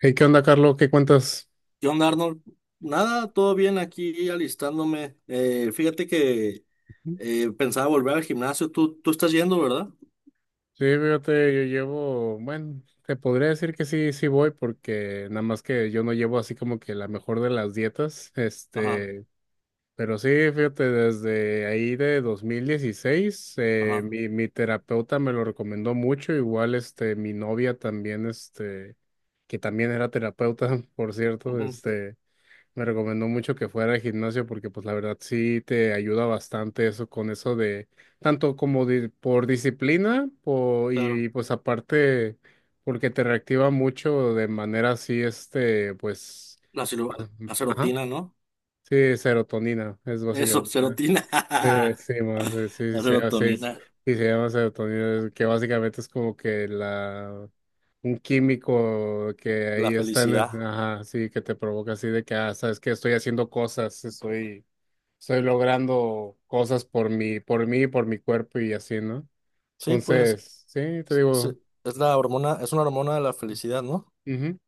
Hey, ¿qué onda, Carlos? ¿Qué cuentas? ¿Qué onda, Arnold? Nada, todo bien aquí alistándome. Fíjate que pensaba volver al gimnasio. Tú estás yendo, ¿verdad? Sí, fíjate, yo llevo, bueno, te podría decir que sí, sí voy, porque nada más que yo no llevo así como que la mejor de las dietas, Ajá, este, pero sí, fíjate, desde ahí de 2016, ajá, mi terapeuta me lo recomendó mucho, igual, este, mi novia también, este, que también era terapeuta, por cierto, ujú, este, me recomendó mucho que fuera al gimnasio porque pues la verdad sí te ayuda bastante eso con eso de tanto como por disciplina claro. y pues aparte porque te reactiva mucho de manera así este pues La ajá, serotina, ¿no? sí, serotonina es Eso, básicamente serotina. ¿eh? Sí, sí, más, sí, sí, La sí, sí, serotonina, sí, se llama serotonina, que básicamente es como que la, un químico que la ahí está en el, felicidad. ajá, sí, que te provoca así de que sabes que estoy haciendo cosas, estoy logrando cosas por mí, por mi cuerpo y así, ¿no? Sí, pues Entonces, sí, te es- digo, es la hormona, es una hormona de la felicidad, ¿no? ujú.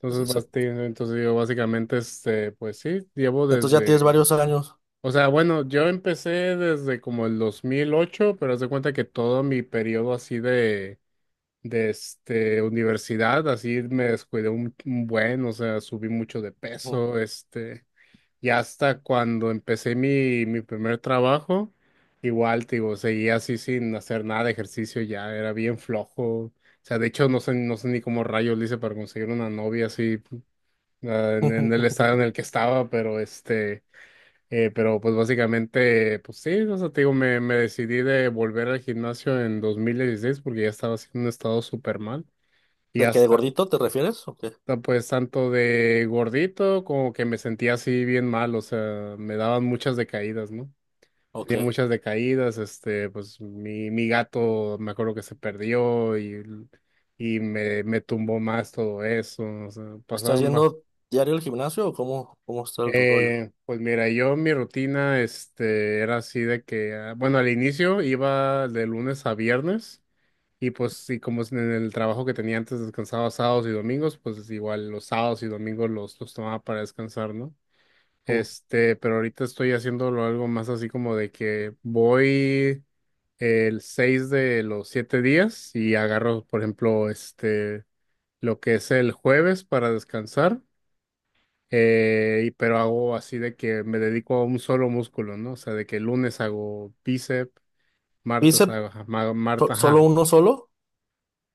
Entonces, entonces digo básicamente, este, pues sí, llevo Entonces ya tienes desde, varios años. o sea, bueno, yo empecé desde como el 2008, pero haz de cuenta que todo mi periodo así de, este, universidad, así me descuidé un buen, o sea, subí mucho de peso, este. Y hasta cuando empecé mi primer trabajo, igual, te digo, seguía así sin hacer nada de ejercicio, ya era bien flojo. O sea, de hecho, no sé, no sé ni cómo rayos le hice para conseguir una novia así, en el estado en el que estaba, pero este, pero pues básicamente, pues sí, o sea, te digo, me decidí de volver al gimnasio en 2016, porque ya estaba haciendo un estado súper mal. Y ¿De qué de hasta gordito te refieres? ¿O qué? sea, pues tanto de gordito, como que me sentía así bien mal, o sea, me daban muchas decaídas, ¿no? Ok. Tenía muchas decaídas, este, pues mi gato me acuerdo que se perdió y me tumbó más todo eso, o sea, ¿Estás pasaron más. yendo diario al gimnasio o cómo, cómo está el rollo? Pues mira, yo mi rutina, este, era así de que, ah, bueno, al inicio iba de lunes a viernes. Y pues y como es en el trabajo que tenía antes, descansaba sábados y domingos, pues igual los sábados y domingos los tomaba para descansar, ¿no? Mm. Este, pero ahorita estoy haciéndolo algo más así como de que voy el 6 de los 7 días, y agarro, por ejemplo, este, lo que es el jueves para descansar, pero hago así de que me dedico a un solo músculo, ¿no? O sea, de que el lunes hago bíceps, martes ¿Bíceps hago, ajá, martes, solo ajá, uno solo?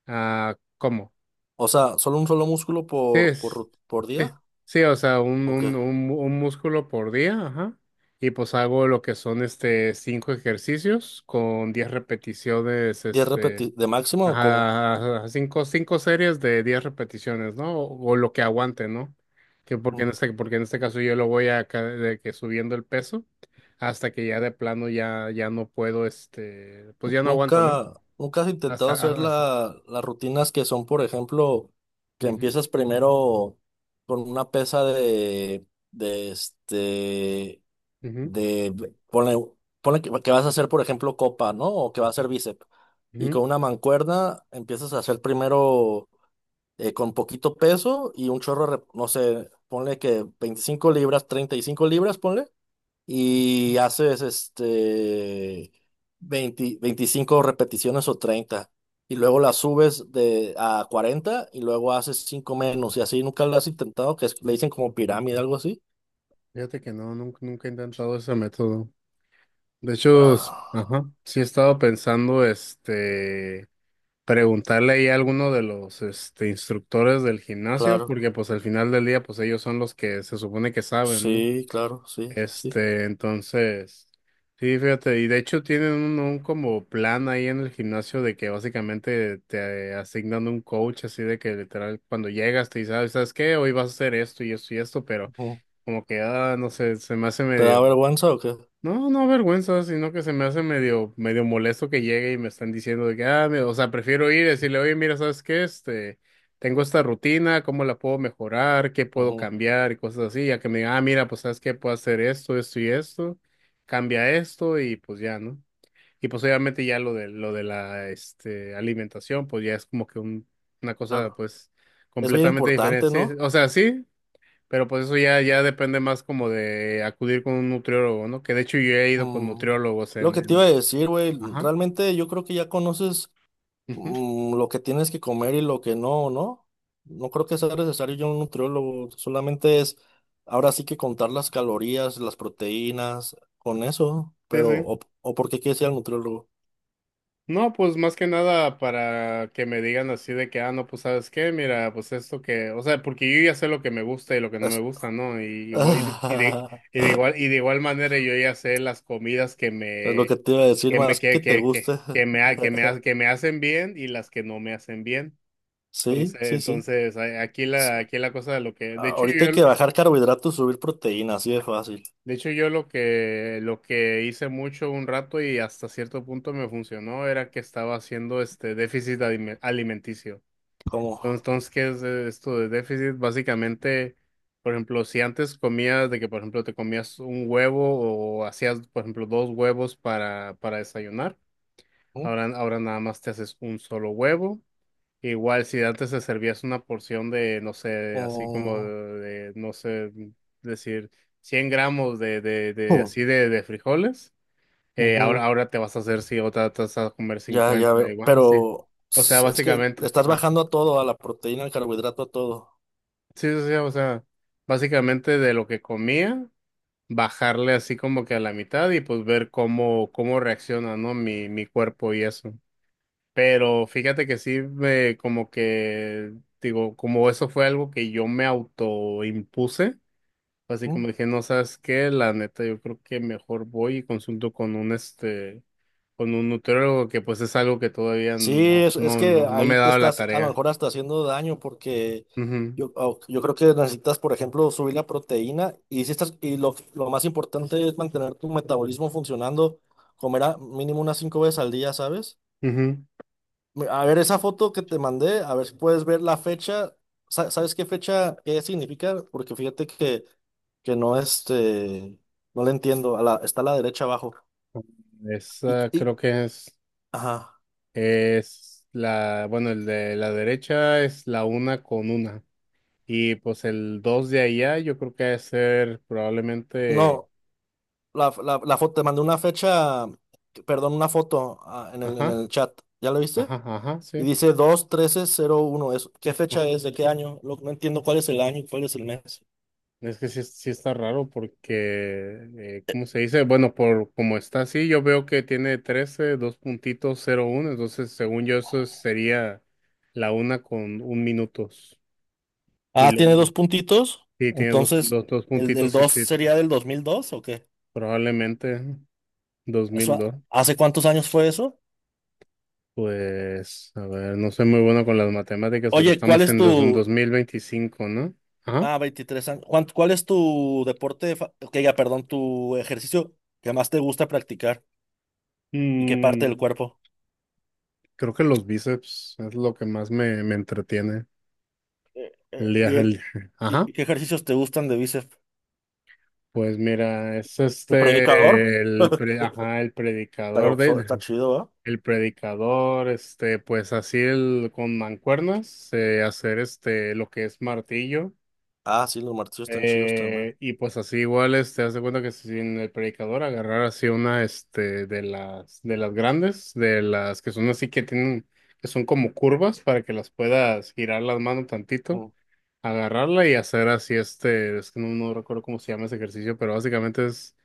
¿cómo? O sea, ¿solo un solo músculo Sí, por, por sí, día? sí, o sea, Ok. Un músculo por día, ajá. Y pues hago lo que son este cinco ejercicios con 10 repeticiones, ¿Diez este, repeticiones de máximo o cómo? ajá, ajá, cinco series de 10 repeticiones, ¿no? O lo que aguante, ¿no? Que Mm. Porque en este caso yo lo voy a de que subiendo el peso hasta que ya de plano ya, ya no puedo, este, pues ya no aguanto, ¿no? Nunca, nunca has intentado Hasta, hacer a- hasta. Las rutinas que son, por ejemplo, que Ujú, empiezas primero con una pesa de, ujú, de, ponle, ponle que vas a hacer, por ejemplo, copa, ¿no? O que va a hacer bíceps. Y ujú. con una mancuerna empiezas a hacer primero con poquito peso y un chorro, de no sé, ponle que 25 libras, 35 libras, ponle y haces este 20 25 repeticiones o 30 y luego las subes de a 40 y luego haces 5 menos y así nunca lo has intentado que le dicen como pirámide algo así. Fíjate que no, nunca, nunca he intentado ese método. De hecho, ajá. Ah, sí he estado pensando, este, preguntarle ahí a alguno de los, este, instructores del gimnasio, claro. porque pues al final del día, pues ellos son los que se supone que saben, ¿no? Sí, claro, sí, sí. Este, entonces, sí, fíjate, y de hecho tienen un como plan ahí en el gimnasio de que básicamente te asignan un coach, así de que literal cuando llegas te dice: "Ah, ¿sabes qué? Hoy vas a hacer esto y esto y esto", pero Ujú. como que, no sé, se me hace ¿Te medio. da vergüenza o qué? No, no vergüenza, sino que se me hace medio, medio molesto que llegue y me están diciendo de que, ah, o sea, prefiero ir y decirle: "Oye, mira, ¿sabes qué? Este, tengo esta rutina, ¿cómo la puedo mejorar? ¿Qué puedo Ujú, cambiar?" Y cosas así, ya que me digan: "Ah, mira, pues, ¿sabes qué? Puedo hacer esto, esto y esto, cambia esto" y pues ya, ¿no? Y pues obviamente ya lo de la, este, alimentación, pues ya es como que una cosa, claro. pues, Es bien completamente diferente. importante, Sí, sí, ¿no? o sea, sí, pero pues eso ya, ya depende más como de acudir con un nutriólogo, ¿no? Que de hecho yo he ido con Mm, nutriólogos lo que te iba a en. decir, güey, Ajá. realmente yo creo que ya conoces Ujú. mm, lo que tienes que comer y lo que no, ¿no? No creo que sea necesario yo un nutriólogo, solamente es ahora sí que contar las calorías, las proteínas, con eso, Sí, pero sí. O por qué quieres ir al nutriólogo. No, pues más que nada para que me digan así de que, ah, no, pues sabes qué, mira, pues esto que, o sea, porque yo ya sé lo que me gusta y lo que no me Es, gusta, ¿no? Igual- y, de, y de- y de igual, y de igual manera yo ya sé las comidas es lo que te iba a decir, más que te guste. Que me hacen bien y las que no me hacen bien. Sí, sí, sí. Entonces, aquí S- aquí la cosa de lo que, de hecho Ahorita hay que yo, bajar carbohidratos, subir proteínas, así de fácil. de hecho, yo lo que hice mucho un rato, y hasta cierto punto me funcionó, era que estaba haciendo este déficit alimenticio. ¿Cómo? Entonces, ¿qué es esto de déficit? Básicamente, por ejemplo, si antes comías de que, por ejemplo, te comías un huevo o hacías, por ejemplo, dos huevos para desayunar, ¿Mm? ahora, ahora nada más te haces un solo huevo. Igual si antes te servías una porción no sé, así como Oh, de, no sé, decir 100 gramos de oh, así de frijoles, ahora, ujú. ahora te vas a hacer, sí, otra te vas a comer Ya, ya 50 veo. igual, Pero sí. O sea, es que le básicamente, estás bajando a todo, a la proteína, al carbohidrato, a todo. sí, sí, sí, o sea, básicamente de lo que comía, bajarle así como que a la mitad y pues ver cómo, cómo reacciona, ¿no? Mi cuerpo y eso. Pero fíjate que sí, como que, digo, como eso fue algo que yo me autoimpuse, así ¿Mm? como dije: "No, sabes qué, la neta, yo creo que mejor voy y consulto con un nutriólogo", que pues es algo que todavía Sí, no, es no, no, que no me ahí he te dado la estás a lo tarea. mejor hasta haciendo daño porque Ujú, yo, yo creo que necesitas, por ejemplo, subir la proteína y, si estás, y lo más importante es mantener tu metabolismo funcionando, comer a mínimo unas 5 veces al día, ¿sabes? A ver esa foto que te mandé, a ver si puedes ver la fecha. ¿Sabes qué fecha, qué significa? Porque fíjate que que no este, no le entiendo, a la, está a la derecha abajo. ujú. Esa creo Y, que es, ajá, la, bueno, el de la derecha es la una con una. Y pues el dos de allá yo creo que ha de ser probablemente. no, la foto, te mandé una fecha, perdón, una foto en Ajá, el chat, ¿ya la viste? ajá, ajá, Y sí. dice dos trece cero uno es, ¿qué No, fecha es? ¿De qué año? No entiendo cuál es el año y cuál es el mes. es que sí, sí está raro porque, ¿cómo se dice? Bueno, por como está así, yo veo que tiene 13, dos puntitos, cero uno, entonces según yo eso sería la una con un minutos. Y Ah, lo, tiene dos puntitos, sí, tiene entonces, dos ¿el del puntitos, sí, 2 sí, sería del 2002 o qué? probablemente dos mil Eso- dos. ¿Hace cuántos años fue eso? Pues, a ver, no soy muy bueno con las matemáticas, pero Oye, estamos en dos mil veinticinco, ¿no? Ajá. ah, 23 años. Juan, ¿cuál es tu deporte, que ya, perdón, tu ejercicio que más te gusta practicar y qué parte del Mm, cuerpo? Creo que los bíceps es lo que más me, me entretiene. Eh, eh, El día, ¿y, el, ajá. ¿Y qué ejercicios te gustan de bíceps? Pues mira, es ¿El predicador? este el ajá, el Está, predicador de está chido, ¿ah? el predicador, este, pues así el con mancuernas, hacer este lo que es martillo. Ah, sí, los martillos están chidos también. Y pues así igual este haz de cuenta que sin el predicador agarrar así una, este, de las grandes, de las que son así que tienen, que son como curvas para que las puedas girar las manos tantito. Mm, Agarrarla y hacer así, este, es que no, no recuerdo cómo se llama ese ejercicio, pero básicamente es,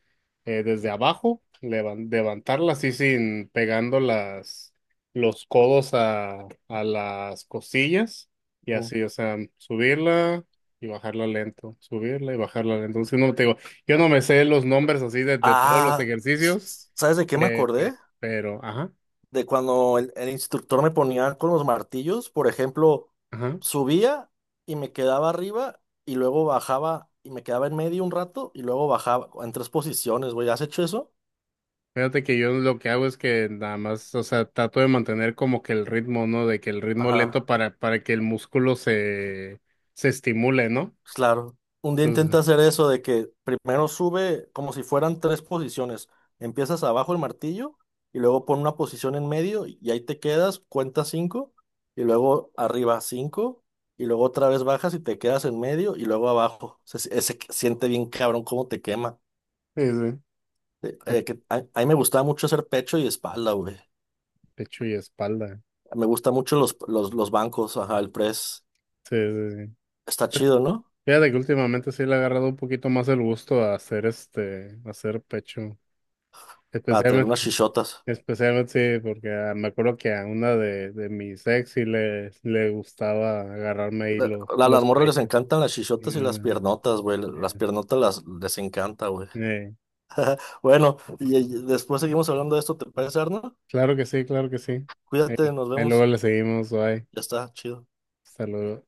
desde abajo, levantarla así, sin pegando los codos a las costillas y mm. así, o sea, subirla y bajarla lento, subirla y bajarla lento. Entonces, no te digo, yo no me sé los nombres así de todos los Ah, ejercicios, ¿sabes de qué me acordé? Pero, ajá, De cuando el instructor me ponía con los martillos, por ejemplo, ajá. subía y me quedaba arriba y luego bajaba y me quedaba en medio un rato y luego bajaba en tres posiciones, güey. ¿Has hecho eso? Fíjate que yo lo que hago es que nada más, o sea, trato de mantener como que el ritmo, ¿no? De que el ritmo lento Ajá. Para que el músculo se, se estimule, ¿no? Pues claro, un día Entonces, intenta hacer eso de que primero sube como si fueran tres posiciones. Empiezas abajo el martillo y luego pon una posición en medio y ahí te quedas, cuenta cinco y luego arriba cinco y luego otra vez bajas y te quedas en medio y luego abajo. Se siente bien cabrón cómo te quema. sí, sí. Que a mí me gustaba mucho hacer pecho y espalda, güey. Pecho y espalda. Me gustan mucho los bancos, ajá, el press. Sí, sí, sí. Está chido, ¿no? Fíjate que últimamente sí le he agarrado un poquito más el gusto a hacer este, a hacer pecho. Para tener Especialmente, unas chichotas. Especialmente sí, porque ah, me acuerdo que a una de mis ex sí le gustaba agarrarme ahí la- A las los morras les pechos. encantan las chichotas y las Mm, piernotas, güey. Las mm, piernotas las, les encanta, güey. eh. Bueno, y después seguimos hablando de esto, ¿te parece, Arno? Claro que sí, claro que sí. Cuídate, Ahí, nos ahí luego vemos. le seguimos, bye. Ya está, chido. Hasta luego.